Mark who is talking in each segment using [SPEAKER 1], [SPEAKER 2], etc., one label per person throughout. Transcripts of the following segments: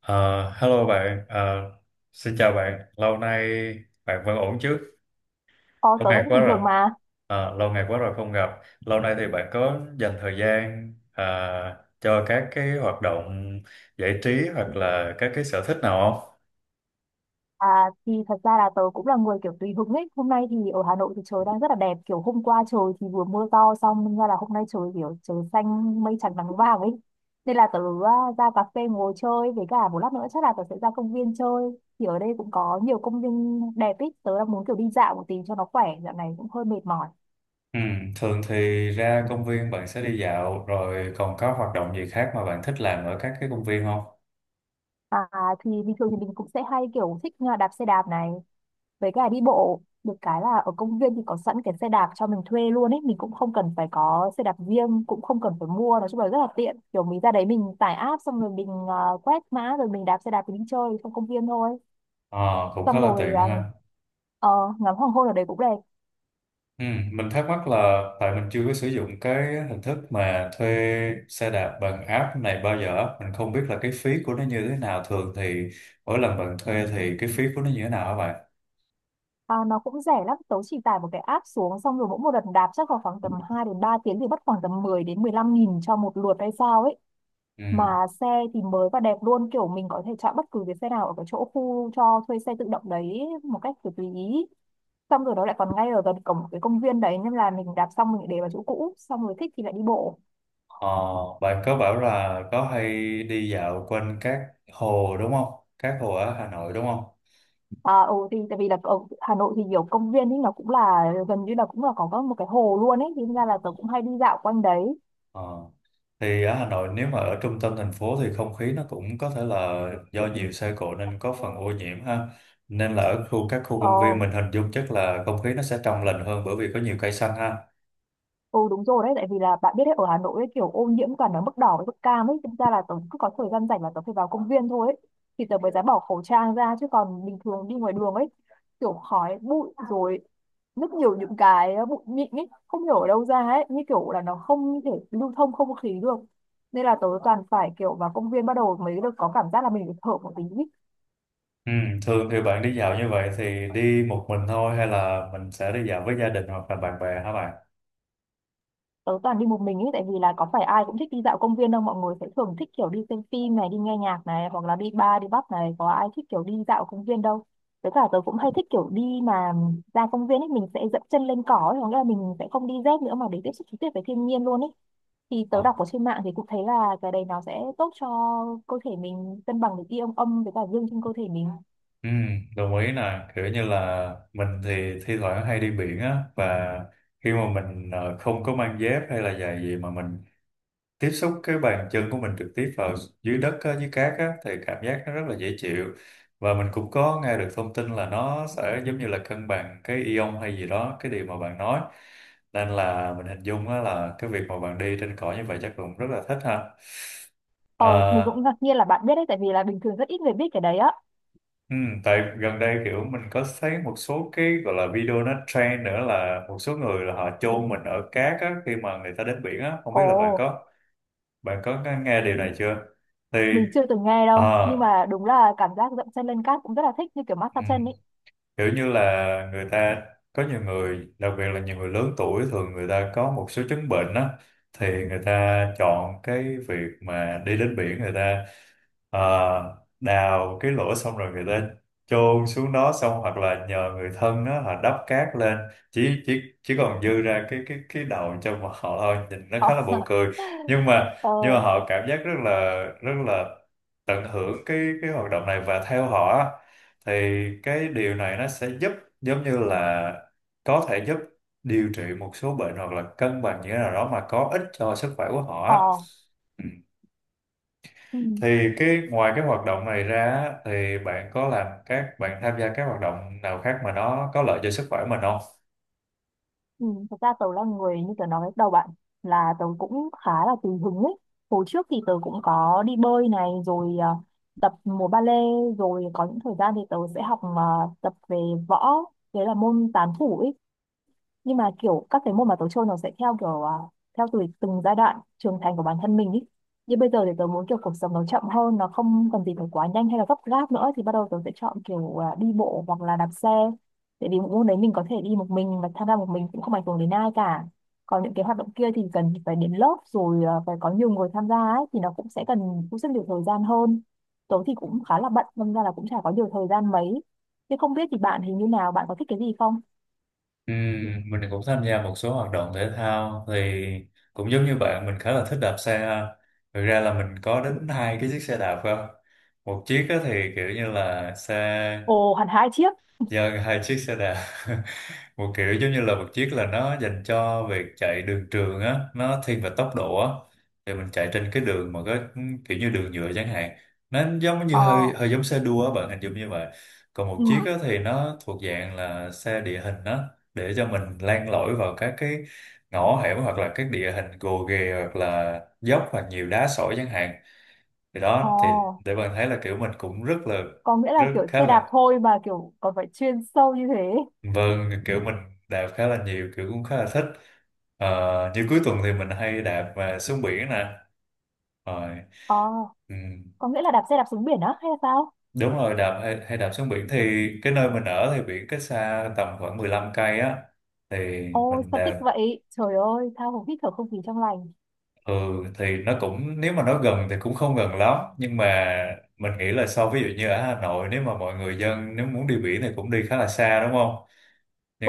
[SPEAKER 1] Ờ, Hello bạn. Ờ, Xin chào bạn. Lâu nay bạn vẫn ổn chứ?
[SPEAKER 2] Ờ,
[SPEAKER 1] Lâu
[SPEAKER 2] tớ
[SPEAKER 1] ngày
[SPEAKER 2] vẫn
[SPEAKER 1] quá
[SPEAKER 2] bình thường
[SPEAKER 1] rồi.
[SPEAKER 2] mà.
[SPEAKER 1] Lâu ngày quá rồi không gặp. Lâu nay thì bạn có dành thời gian cho các cái hoạt động giải trí hoặc là các cái sở thích nào không?
[SPEAKER 2] À, thì thật ra là tớ cũng là người kiểu tùy hứng ấy. Hôm nay thì ở Hà Nội thì trời đang rất là đẹp. Kiểu hôm qua trời thì vừa mưa to xong nên ra là hôm nay trời kiểu trời xanh mây trắng nắng vàng ấy. Nên là tớ à, ra cà phê ngồi chơi với cả một lát nữa chắc là tớ sẽ ra công viên chơi. Thì ở đây cũng có nhiều công viên đẹp ấy. Tớ đang muốn kiểu đi dạo một tí cho nó khỏe. Dạo này cũng hơi mệt mỏi.
[SPEAKER 1] Ừ, thường thì ra công viên bạn sẽ đi dạo, rồi còn có hoạt động gì khác mà bạn thích làm ở các cái công viên không?
[SPEAKER 2] À, thì bình thường thì mình cũng sẽ hay kiểu thích đạp xe đạp này. Với cả đi bộ được cái là ở công viên thì có sẵn cái xe đạp cho mình thuê luôn ấy, mình cũng không cần phải có xe đạp riêng, cũng không cần phải mua. Nói chung là rất là tiện, kiểu mình ra đấy mình tải app xong rồi mình quét mã rồi mình đạp xe đạp mình đi chơi trong công viên thôi.
[SPEAKER 1] Ờ, cũng khá
[SPEAKER 2] Xong
[SPEAKER 1] là
[SPEAKER 2] rồi
[SPEAKER 1] tiện ha.
[SPEAKER 2] ngắm hoàng hôn ở đấy cũng đẹp.
[SPEAKER 1] Ừ, mình thắc mắc là tại mình chưa có sử dụng cái hình thức mà thuê xe đạp bằng app này bao giờ. Mình không biết là cái phí của nó như thế nào. Thường thì mỗi lần bạn thuê thì cái phí của nó như thế nào hả bạn?
[SPEAKER 2] À, nó cũng rẻ lắm, tớ chỉ tải một cái app xuống xong rồi mỗi một lần đạp chắc vào khoảng tầm 2 đến 3 tiếng thì mất khoảng tầm 10 đến 15 nghìn cho một lượt hay sao ấy.
[SPEAKER 1] Ừ.
[SPEAKER 2] Mà xe thì mới và đẹp luôn, kiểu mình có thể chọn bất cứ cái xe nào ở cái chỗ khu cho thuê xe tự động đấy một cách kiểu tùy ý. Xong rồi nó lại còn ngay ở gần cổng cái công viên đấy nên là mình đạp xong mình lại để vào chỗ cũ, xong rồi thích thì lại đi bộ.
[SPEAKER 1] ờ, Bạn có bảo là có hay đi dạo quanh các hồ đúng không? Các hồ ở Hà Nội đúng không?
[SPEAKER 2] À, ừ, thì tại vì là ở Hà Nội thì nhiều công viên ấy nó cũng là gần như là cũng là có một cái hồ luôn ấy, thì ra là tớ cũng hay đi dạo quanh đấy.
[SPEAKER 1] Ờ. Thì ở Hà Nội nếu mà ở trung tâm thành phố thì không khí nó cũng có thể là do nhiều xe cộ nên có phần ô nhiễm ha. Nên là ở khu các khu
[SPEAKER 2] Ờ.
[SPEAKER 1] công viên mình hình dung chắc là không khí nó sẽ trong lành hơn bởi vì có nhiều cây xanh ha.
[SPEAKER 2] Ừ, đúng rồi đấy, tại vì là bạn biết đấy, ở Hà Nội ấy, kiểu ô nhiễm toàn ở mức đỏ với mức cam ấy, thực ra là tớ cứ có thời gian rảnh là tớ phải vào công viên thôi ấy, thì tớ mới dám bỏ khẩu trang ra, chứ còn bình thường đi ngoài đường ấy, kiểu khói, bụi rồi rất nhiều những cái bụi mịn ấy, không hiểu ở đâu ra ấy, như kiểu là nó không thể lưu thông không khí được. Nên là tớ toàn phải kiểu vào công viên bắt đầu mới được có cảm giác là mình được thở một tí.
[SPEAKER 1] Ừ, thường thì bạn đi dạo như vậy thì đi một mình thôi hay là mình sẽ đi dạo với gia đình hoặc là bạn bè hả bạn?
[SPEAKER 2] Tớ toàn đi một mình ấy, tại vì là có phải ai cũng thích đi dạo công viên đâu. Mọi người sẽ thường thích kiểu đi xem phim này, đi nghe nhạc này, hoặc là đi bar đi pub này, có ai thích kiểu đi dạo công viên đâu. Với cả tớ cũng hay thích kiểu đi mà ra công viên ấy mình sẽ dẫm chân lên cỏ ấy, có nghĩa là mình sẽ không đi dép nữa mà để tiếp xúc trực tiếp với thiên nhiên luôn ấy. Thì tớ đọc
[SPEAKER 1] Ờ.
[SPEAKER 2] ở trên mạng thì cũng thấy là cái đấy nó sẽ tốt cho cơ thể mình, cân bằng được ion âm với cả dương trên cơ thể mình.
[SPEAKER 1] Ừ, đồng ý nè. Kiểu như là mình thì thi thoảng hay đi biển á, và khi mà mình không có mang dép hay là giày gì mà mình tiếp xúc cái bàn chân của mình trực tiếp vào dưới đất á, dưới cát á, thì cảm giác nó rất là dễ chịu. Và mình cũng có nghe được thông tin là nó sẽ giống như là cân bằng cái ion hay gì đó, cái điều mà bạn nói. Nên là mình hình dung á, là cái việc mà bạn đi trên cỏ như vậy chắc cũng rất là thích ha.
[SPEAKER 2] Ờ, mình
[SPEAKER 1] Ờ,
[SPEAKER 2] cũng ngạc nhiên là bạn biết đấy, tại vì là bình thường rất ít người biết cái đấy á.
[SPEAKER 1] ừ, tại gần đây kiểu mình có thấy một số cái gọi là video nó trend nữa, là một số người là họ chôn mình ở cát á, khi mà người ta đến biển á. Không biết
[SPEAKER 2] Ồ,
[SPEAKER 1] là bạn có nghe điều này chưa? Thì
[SPEAKER 2] mình chưa từng nghe đâu, nhưng
[SPEAKER 1] ờ,
[SPEAKER 2] mà đúng là cảm giác dậm chân lên cát cũng rất là thích, như kiểu
[SPEAKER 1] ừ.
[SPEAKER 2] massage chân ấy.
[SPEAKER 1] Kiểu như là người ta, có nhiều người đặc biệt là nhiều người lớn tuổi thường người ta có một số chứng bệnh á, thì người ta chọn cái việc mà đi đến biển. Người ta à, đào cái lỗ xong rồi người ta chôn xuống đó xong, hoặc là nhờ người thân đó họ đắp cát lên, chỉ còn dư ra cái đầu cho mà họ thôi, nhìn nó
[SPEAKER 2] Ờ.
[SPEAKER 1] khá là buồn cười. nhưng mà
[SPEAKER 2] Ờ.
[SPEAKER 1] nhưng mà họ cảm giác rất là tận hưởng cái hoạt động này. Và theo họ á, thì cái điều này nó sẽ giúp, giống như là có thể giúp điều trị một số bệnh hoặc là cân bằng như thế nào đó mà có ích cho sức khỏe của họ
[SPEAKER 2] Ờ.
[SPEAKER 1] á. Ừ.
[SPEAKER 2] Ừ.
[SPEAKER 1] Thì cái ngoài cái hoạt động này ra á, thì bạn có làm, các bạn tham gia các hoạt động nào khác mà nó có lợi cho sức khỏe mình không?
[SPEAKER 2] Ừ. Thật ra tớ là người như tớ nói lúc đầu bạn, là tớ cũng khá là tùy hứng ấy. Hồi trước thì tớ cũng có đi bơi này rồi tập múa ba lê, rồi có những thời gian thì tớ sẽ học tập về võ, đấy là môn tán thủ ấy. Nhưng mà kiểu các cái môn mà tớ chơi nó sẽ theo kiểu theo từng giai đoạn trưởng thành của bản thân mình ý. Như bây giờ thì tớ muốn kiểu cuộc sống nó chậm hơn, nó không cần gì phải quá nhanh hay là gấp gáp nữa, thì bắt đầu tớ sẽ chọn kiểu đi bộ hoặc là đạp xe. Tại vì môn đấy mình có thể đi một mình và tham gia một mình cũng không ảnh hưởng đến ai cả. Còn những cái hoạt động kia thì cần phải đến lớp rồi, phải có nhiều người tham gia ấy, thì nó cũng sẽ cần cũng rất nhiều thời gian hơn. Tớ thì cũng khá là bận nên ra là cũng chả có nhiều thời gian mấy. Thế không biết thì bạn hình như nào, bạn có thích cái gì không?
[SPEAKER 1] Ừ, mình cũng tham gia một số hoạt động thể thao. Thì cũng giống như bạn, mình khá là thích đạp xe. Thực ra là mình có đến hai cái chiếc xe đạp cơ, một chiếc á thì kiểu như là xe
[SPEAKER 2] Ồ, hẳn 2 chiếc.
[SPEAKER 1] dân, hai chiếc xe đạp. Một kiểu giống như là một chiếc là nó dành cho việc chạy đường trường á, nó thiên về tốc độ á. Thì mình chạy trên cái đường mà có kiểu như đường nhựa chẳng hạn, nó giống như
[SPEAKER 2] Ờ.
[SPEAKER 1] hơi hơi giống xe đua á, bạn hình dung như vậy. Còn một chiếc á
[SPEAKER 2] Ừ.
[SPEAKER 1] thì nó thuộc dạng là xe địa hình á, để cho mình len lỏi vào các cái ngõ hẻm hoặc là các địa hình gồ ghề hoặc là dốc hoặc nhiều đá sỏi chẳng hạn. Thì
[SPEAKER 2] Ờ.
[SPEAKER 1] đó thì để bạn thấy là kiểu mình cũng rất là
[SPEAKER 2] Có nghĩa là
[SPEAKER 1] rất
[SPEAKER 2] kiểu
[SPEAKER 1] khá
[SPEAKER 2] xe
[SPEAKER 1] là.
[SPEAKER 2] đạp thôi mà kiểu còn phải chuyên sâu như thế.
[SPEAKER 1] Vâng, kiểu mình đạp khá là nhiều, kiểu cũng khá là thích. Như cuối tuần thì mình hay đạp và xuống biển nè. Rồi,
[SPEAKER 2] Ờ,
[SPEAKER 1] ừ,
[SPEAKER 2] có nghĩa là đạp xe đạp xuống biển á hay là sao?
[SPEAKER 1] đúng rồi, hay đạp xuống biển thì cái nơi mình ở thì biển cách xa tầm khoảng 15 cây á. Thì
[SPEAKER 2] Ôi,
[SPEAKER 1] mình
[SPEAKER 2] sao thích
[SPEAKER 1] đạp,
[SPEAKER 2] vậy? Trời ơi, tha hồ hít thở không khí trong lành.
[SPEAKER 1] ừ, thì nó cũng, nếu mà nó gần thì cũng không gần lắm. Nhưng mà mình nghĩ là so ví dụ như ở Hà Nội, nếu mà mọi người dân nếu muốn đi biển thì cũng đi khá là xa đúng không?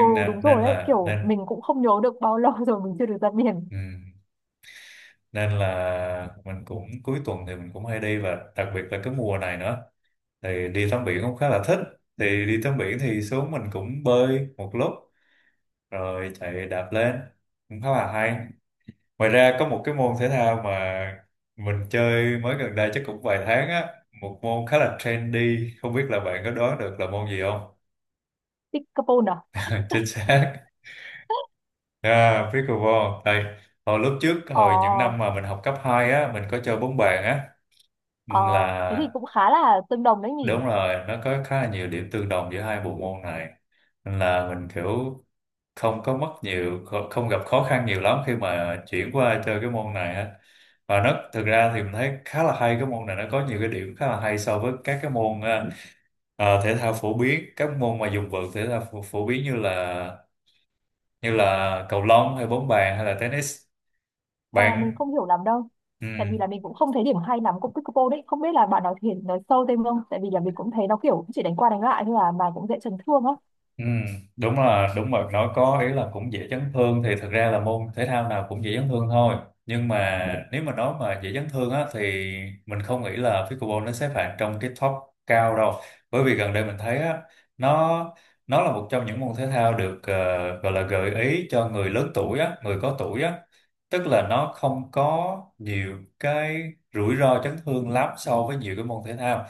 [SPEAKER 2] Ừ, đúng
[SPEAKER 1] nên
[SPEAKER 2] rồi đấy,
[SPEAKER 1] là,
[SPEAKER 2] kiểu
[SPEAKER 1] nên...
[SPEAKER 2] mình cũng không nhớ được bao lâu rồi mình chưa được ra biển.
[SPEAKER 1] Ừ. Nên là mình cũng cuối tuần thì mình cũng hay đi, và đặc biệt là cái mùa này nữa thì đi tắm biển cũng khá là thích. Thì đi tắm biển thì xuống mình cũng bơi một lúc rồi chạy đạp lên cũng khá là hay. Ngoài ra có một cái môn thể thao mà mình chơi mới gần đây chắc cũng vài tháng á, một môn khá là trendy, không biết là bạn có đoán được là môn gì không?
[SPEAKER 2] Thích Capone à?
[SPEAKER 1] Chính xác, à, pickleball đây. Hồi lúc trước
[SPEAKER 2] Ờ.
[SPEAKER 1] hồi những năm mà mình học cấp 2 á mình có chơi bóng bàn á.
[SPEAKER 2] Ờ, thế
[SPEAKER 1] Là
[SPEAKER 2] thì cũng khá là tương đồng đấy nhỉ?
[SPEAKER 1] đúng rồi, nó có khá là nhiều điểm tương đồng giữa hai bộ môn này. Nên là mình kiểu không có mất nhiều, không gặp khó khăn nhiều lắm khi mà chuyển qua chơi cái môn này á. Và nó thực ra thì mình thấy khá là hay. Cái môn này nó có nhiều cái điểm khá là hay so với các cái môn thể thao phổ biến, các môn mà dùng vợt thể thao phổ biến như là cầu lông hay bóng bàn hay là tennis.
[SPEAKER 2] Ờ, mình
[SPEAKER 1] Bạn.
[SPEAKER 2] không hiểu lắm đâu.
[SPEAKER 1] Ừ.
[SPEAKER 2] Tại vì là mình cũng không thấy điểm hay lắm của Pickleball đấy. Không biết là bạn nói thiệt, nói sâu thêm không? Tại vì là mình cũng thấy nó kiểu chỉ đánh qua đánh lại thôi à, mà cũng dễ chấn thương á.
[SPEAKER 1] Ừ, đúng là đúng rồi, nói có ý là cũng dễ chấn thương, thì thật ra là môn thể thao nào cũng dễ chấn thương thôi. Nhưng mà nếu mà nói mà dễ chấn thương á thì mình không nghĩ là pickleball nó xếp hạng trong cái top cao đâu. Bởi vì gần đây mình thấy á, nó nó là một trong những môn thể thao được gọi là gợi ý cho người lớn tuổi á, người có tuổi á, tức là nó không có nhiều cái rủi ro chấn thương lắm so với nhiều cái môn thể thao.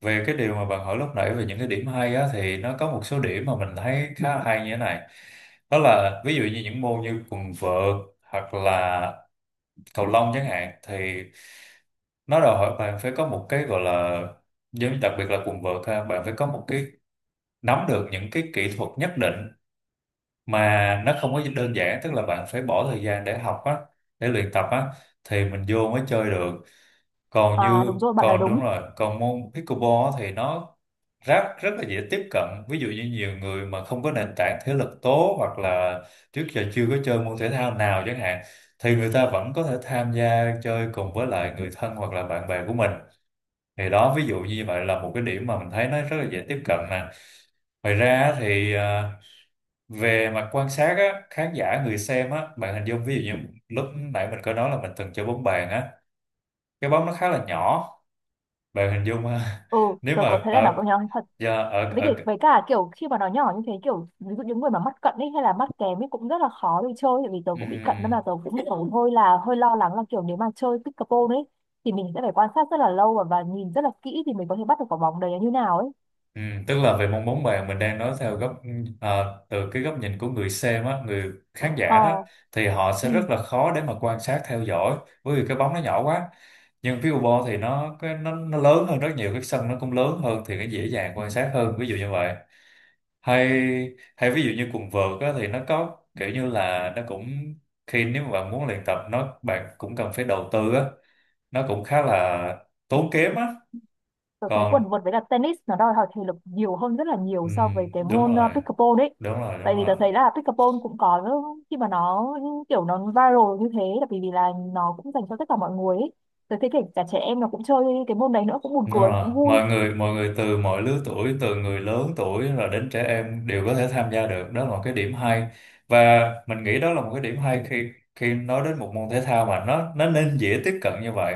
[SPEAKER 1] Về cái điều mà bạn hỏi lúc nãy về những cái điểm hay á, thì nó có một số điểm mà mình thấy khá là hay như thế này. Đó là ví dụ như những môn như quần vợt hoặc là cầu lông chẳng hạn, thì nó đòi hỏi bạn phải có một cái gọi là, giống như đặc biệt là quần vợt ha, bạn phải có một cái, nắm được những cái kỹ thuật nhất định mà nó không có đơn giản, tức là bạn phải bỏ thời gian để học á, để luyện tập á, thì mình vô mới chơi được. còn
[SPEAKER 2] À,
[SPEAKER 1] như
[SPEAKER 2] đúng rồi, bạn nói
[SPEAKER 1] còn
[SPEAKER 2] đúng.
[SPEAKER 1] đúng rồi, còn môn pickleball á thì nó rất rất là dễ tiếp cận. Ví dụ như nhiều người mà không có nền tảng thể lực tốt hoặc là trước giờ chưa có chơi môn thể thao nào chẳng hạn, thì người ta vẫn có thể tham gia chơi cùng với lại người thân hoặc là bạn bè của mình. Thì đó ví dụ như vậy là một cái điểm mà mình thấy nó rất là dễ tiếp cận nè. Ngoài ra á thì về mặt quan sát á, khán giả người xem á, bạn hình dung ví dụ như lúc nãy mình có nói là mình từng chơi bóng bàn á, cái bóng nó khá là nhỏ, bạn hình dung ha.
[SPEAKER 2] Ừ,
[SPEAKER 1] nếu
[SPEAKER 2] tớ
[SPEAKER 1] mà
[SPEAKER 2] có thấy là đọc có
[SPEAKER 1] ở
[SPEAKER 2] nhỏ thật.
[SPEAKER 1] do ở
[SPEAKER 2] Với cả,
[SPEAKER 1] ở
[SPEAKER 2] với cả kiểu khi mà nó nhỏ như thế, kiểu ví dụ những người mà mắt cận ấy hay là mắt kém ấy cũng rất là khó để chơi, tại vì tớ cũng bị cận nên
[SPEAKER 1] ừm,
[SPEAKER 2] là tớ cũng kiểu hơi là hơi lo lắng là kiểu nếu mà chơi pickleball ấy thì mình sẽ phải quan sát rất là lâu và, nhìn rất là kỹ thì mình có thể bắt được quả bóng đấy như nào ấy.
[SPEAKER 1] Tức là về mong muốn bạn, mình đang nói theo góc từ cái góc nhìn của người xem á, người khán giả đó,
[SPEAKER 2] Ờ.
[SPEAKER 1] thì họ sẽ
[SPEAKER 2] Ừ.
[SPEAKER 1] rất là khó để mà quan sát theo dõi bởi vì cái bóng nó nhỏ quá. Nhưng pickleball thì nó lớn hơn rất nhiều, cái sân nó cũng lớn hơn thì nó dễ dàng quan sát hơn ví dụ như vậy. Hay, ví dụ như quần vợt á, thì nó có kiểu như là nó cũng, khi nếu mà bạn muốn luyện tập nó bạn cũng cần phải đầu tư á, nó cũng khá là tốn kém á.
[SPEAKER 2] Tôi thấy quần
[SPEAKER 1] Còn
[SPEAKER 2] vợt với cả tennis nó đòi hỏi thể lực nhiều hơn rất là nhiều so với
[SPEAKER 1] ừm,
[SPEAKER 2] cái
[SPEAKER 1] đúng
[SPEAKER 2] môn
[SPEAKER 1] rồi,
[SPEAKER 2] pickleball đấy.
[SPEAKER 1] đúng rồi, đúng
[SPEAKER 2] Tại vì
[SPEAKER 1] rồi,
[SPEAKER 2] tôi thấy là pickleball cũng có khi mà nó kiểu nó viral như thế là bởi vì là nó cũng dành cho tất cả mọi người ấy. Tôi thấy kể cả trẻ em nó cũng chơi cái môn đấy nữa, cũng buồn
[SPEAKER 1] đúng
[SPEAKER 2] cười
[SPEAKER 1] rồi,
[SPEAKER 2] cũng vui.
[SPEAKER 1] mọi người từ mọi lứa tuổi, từ người lớn tuổi rồi đến trẻ em đều có thể tham gia được, đó là một cái điểm hay. Và mình nghĩ đó là một cái điểm hay khi khi nói đến một môn thể thao mà nó nên dễ tiếp cận như vậy,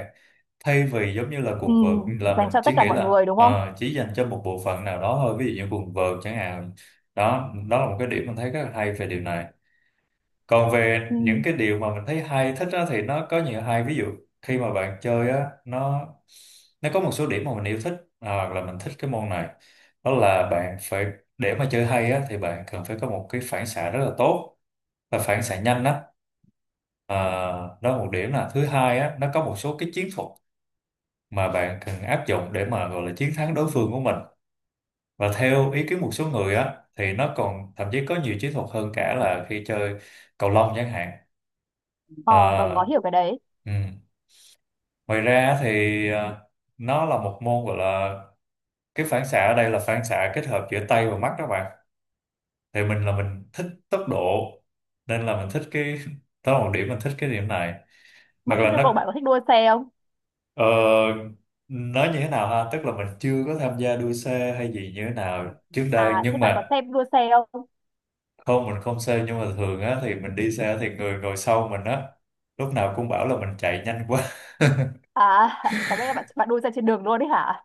[SPEAKER 1] thay vì giống như là
[SPEAKER 2] Ừ,
[SPEAKER 1] quần vợt là
[SPEAKER 2] dành
[SPEAKER 1] mình
[SPEAKER 2] cho tất
[SPEAKER 1] chỉ
[SPEAKER 2] cả
[SPEAKER 1] nghĩ
[SPEAKER 2] mọi
[SPEAKER 1] là
[SPEAKER 2] người đúng không?
[SPEAKER 1] chỉ dành cho một bộ phận nào đó thôi, ví dụ như quần vợt chẳng hạn. Đó đó là một cái điểm mình thấy rất là hay về điều này. Còn về
[SPEAKER 2] Ừ.
[SPEAKER 1] những cái điều mà mình thấy hay thích á, thì nó có nhiều hay ví dụ khi mà bạn chơi á, nó có một số điểm mà mình yêu thích, hoặc là mình thích cái môn này. Đó là bạn phải, để mà chơi hay á thì bạn cần phải có một cái phản xạ rất là tốt và phản xạ nhanh á. à, Đó là một điểm. Là thứ hai á, nó có một số cái chiến thuật mà bạn cần áp dụng để mà gọi là chiến thắng đối phương của mình. Và theo ý kiến một số người á thì nó còn thậm chí có nhiều chiến thuật hơn cả là khi chơi cầu lông chẳng hạn.
[SPEAKER 2] Ờ, tôi có
[SPEAKER 1] Ờ,
[SPEAKER 2] hiểu cái đấy.
[SPEAKER 1] ừ. Ngoài ra thì ờ, nó là một môn gọi là, cái phản xạ ở đây là phản xạ kết hợp giữa tay và mắt các bạn. Thì mình thích tốc độ nên là mình thích cái. Đó là một điểm mình thích cái điểm này. Hoặc
[SPEAKER 2] Bạn thích
[SPEAKER 1] là
[SPEAKER 2] tốc độ, bạn
[SPEAKER 1] nó
[SPEAKER 2] có thích đua xe không?
[SPEAKER 1] ờ, nói như thế nào ha, tức là mình chưa có tham gia đua xe hay gì như thế nào trước đây
[SPEAKER 2] À, thế
[SPEAKER 1] nhưng
[SPEAKER 2] bạn có
[SPEAKER 1] mà
[SPEAKER 2] xem đua xe không?
[SPEAKER 1] không, mình không xe nhưng mà thường á thì mình đi xe thì người ngồi sau mình á lúc nào cũng bảo là mình chạy nhanh quá.
[SPEAKER 2] À, có nghĩa là bạn bạn đua xe trên đường luôn đấy hả?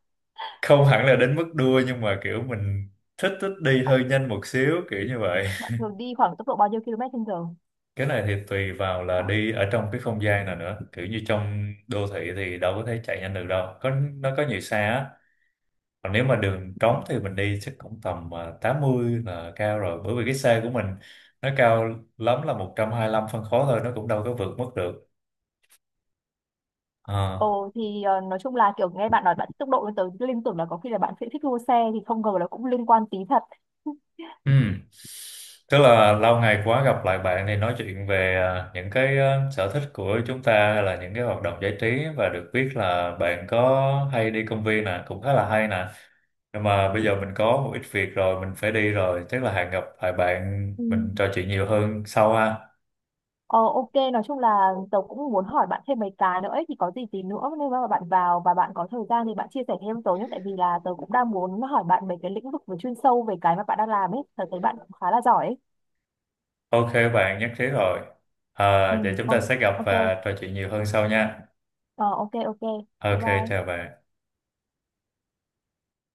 [SPEAKER 1] Không hẳn là đến mức đua nhưng mà kiểu mình thích thích đi
[SPEAKER 2] Bạn,
[SPEAKER 1] hơi nhanh một xíu kiểu như vậy.
[SPEAKER 2] bạn thường đi khoảng tốc độ bao nhiêu km trên giờ?
[SPEAKER 1] Cái này thì tùy vào là đi ở trong cái không gian nào nữa, kiểu như trong đô thị thì đâu có thể chạy nhanh được đâu, có nó có nhiều xe á. Còn nếu mà đường trống thì mình đi chắc cũng tầm 80 là cao rồi, bởi vì cái xe của mình nó cao lắm là 125 phân khối thôi, nó cũng đâu có vượt mức được. Ờ.
[SPEAKER 2] Ồ thì ờ, nói chung là kiểu nghe bạn nói bạn thích tốc độ nên tớ liên tưởng là có khi là bạn sẽ thích đua xe, thì không ngờ là cũng liên quan tí thật.
[SPEAKER 1] Ừ. Tức là lâu ngày quá gặp lại bạn thì nói chuyện về những cái sở thích của chúng ta hay là những cái hoạt động giải trí, và được biết là bạn có hay đi công viên nè, cũng khá là hay nè. Nhưng mà bây giờ mình có một ít việc rồi, mình phải đi rồi, chắc là hẹn gặp lại bạn
[SPEAKER 2] Ừ.
[SPEAKER 1] mình trò chuyện nhiều hơn sau ha.
[SPEAKER 2] Ờ, ok, nói chung là tớ cũng muốn hỏi bạn thêm mấy cái nữa ấy, thì có gì tí nữa nếu mà bạn vào và bạn có thời gian thì bạn chia sẻ thêm tớ nhé, tại vì là tớ cũng đang muốn hỏi bạn mấy cái lĩnh vực về chuyên sâu về cái mà bạn đang làm ấy, tớ thấy bạn cũng khá là giỏi ấy.
[SPEAKER 1] Ok bạn nhất trí rồi.
[SPEAKER 2] Ừ.
[SPEAKER 1] À, vậy chúng ta
[SPEAKER 2] ô-
[SPEAKER 1] sẽ gặp
[SPEAKER 2] ok.
[SPEAKER 1] và trò chuyện nhiều hơn sau nha.
[SPEAKER 2] Ờ, ok, ok, bye
[SPEAKER 1] Ok chào
[SPEAKER 2] bye.
[SPEAKER 1] bạn.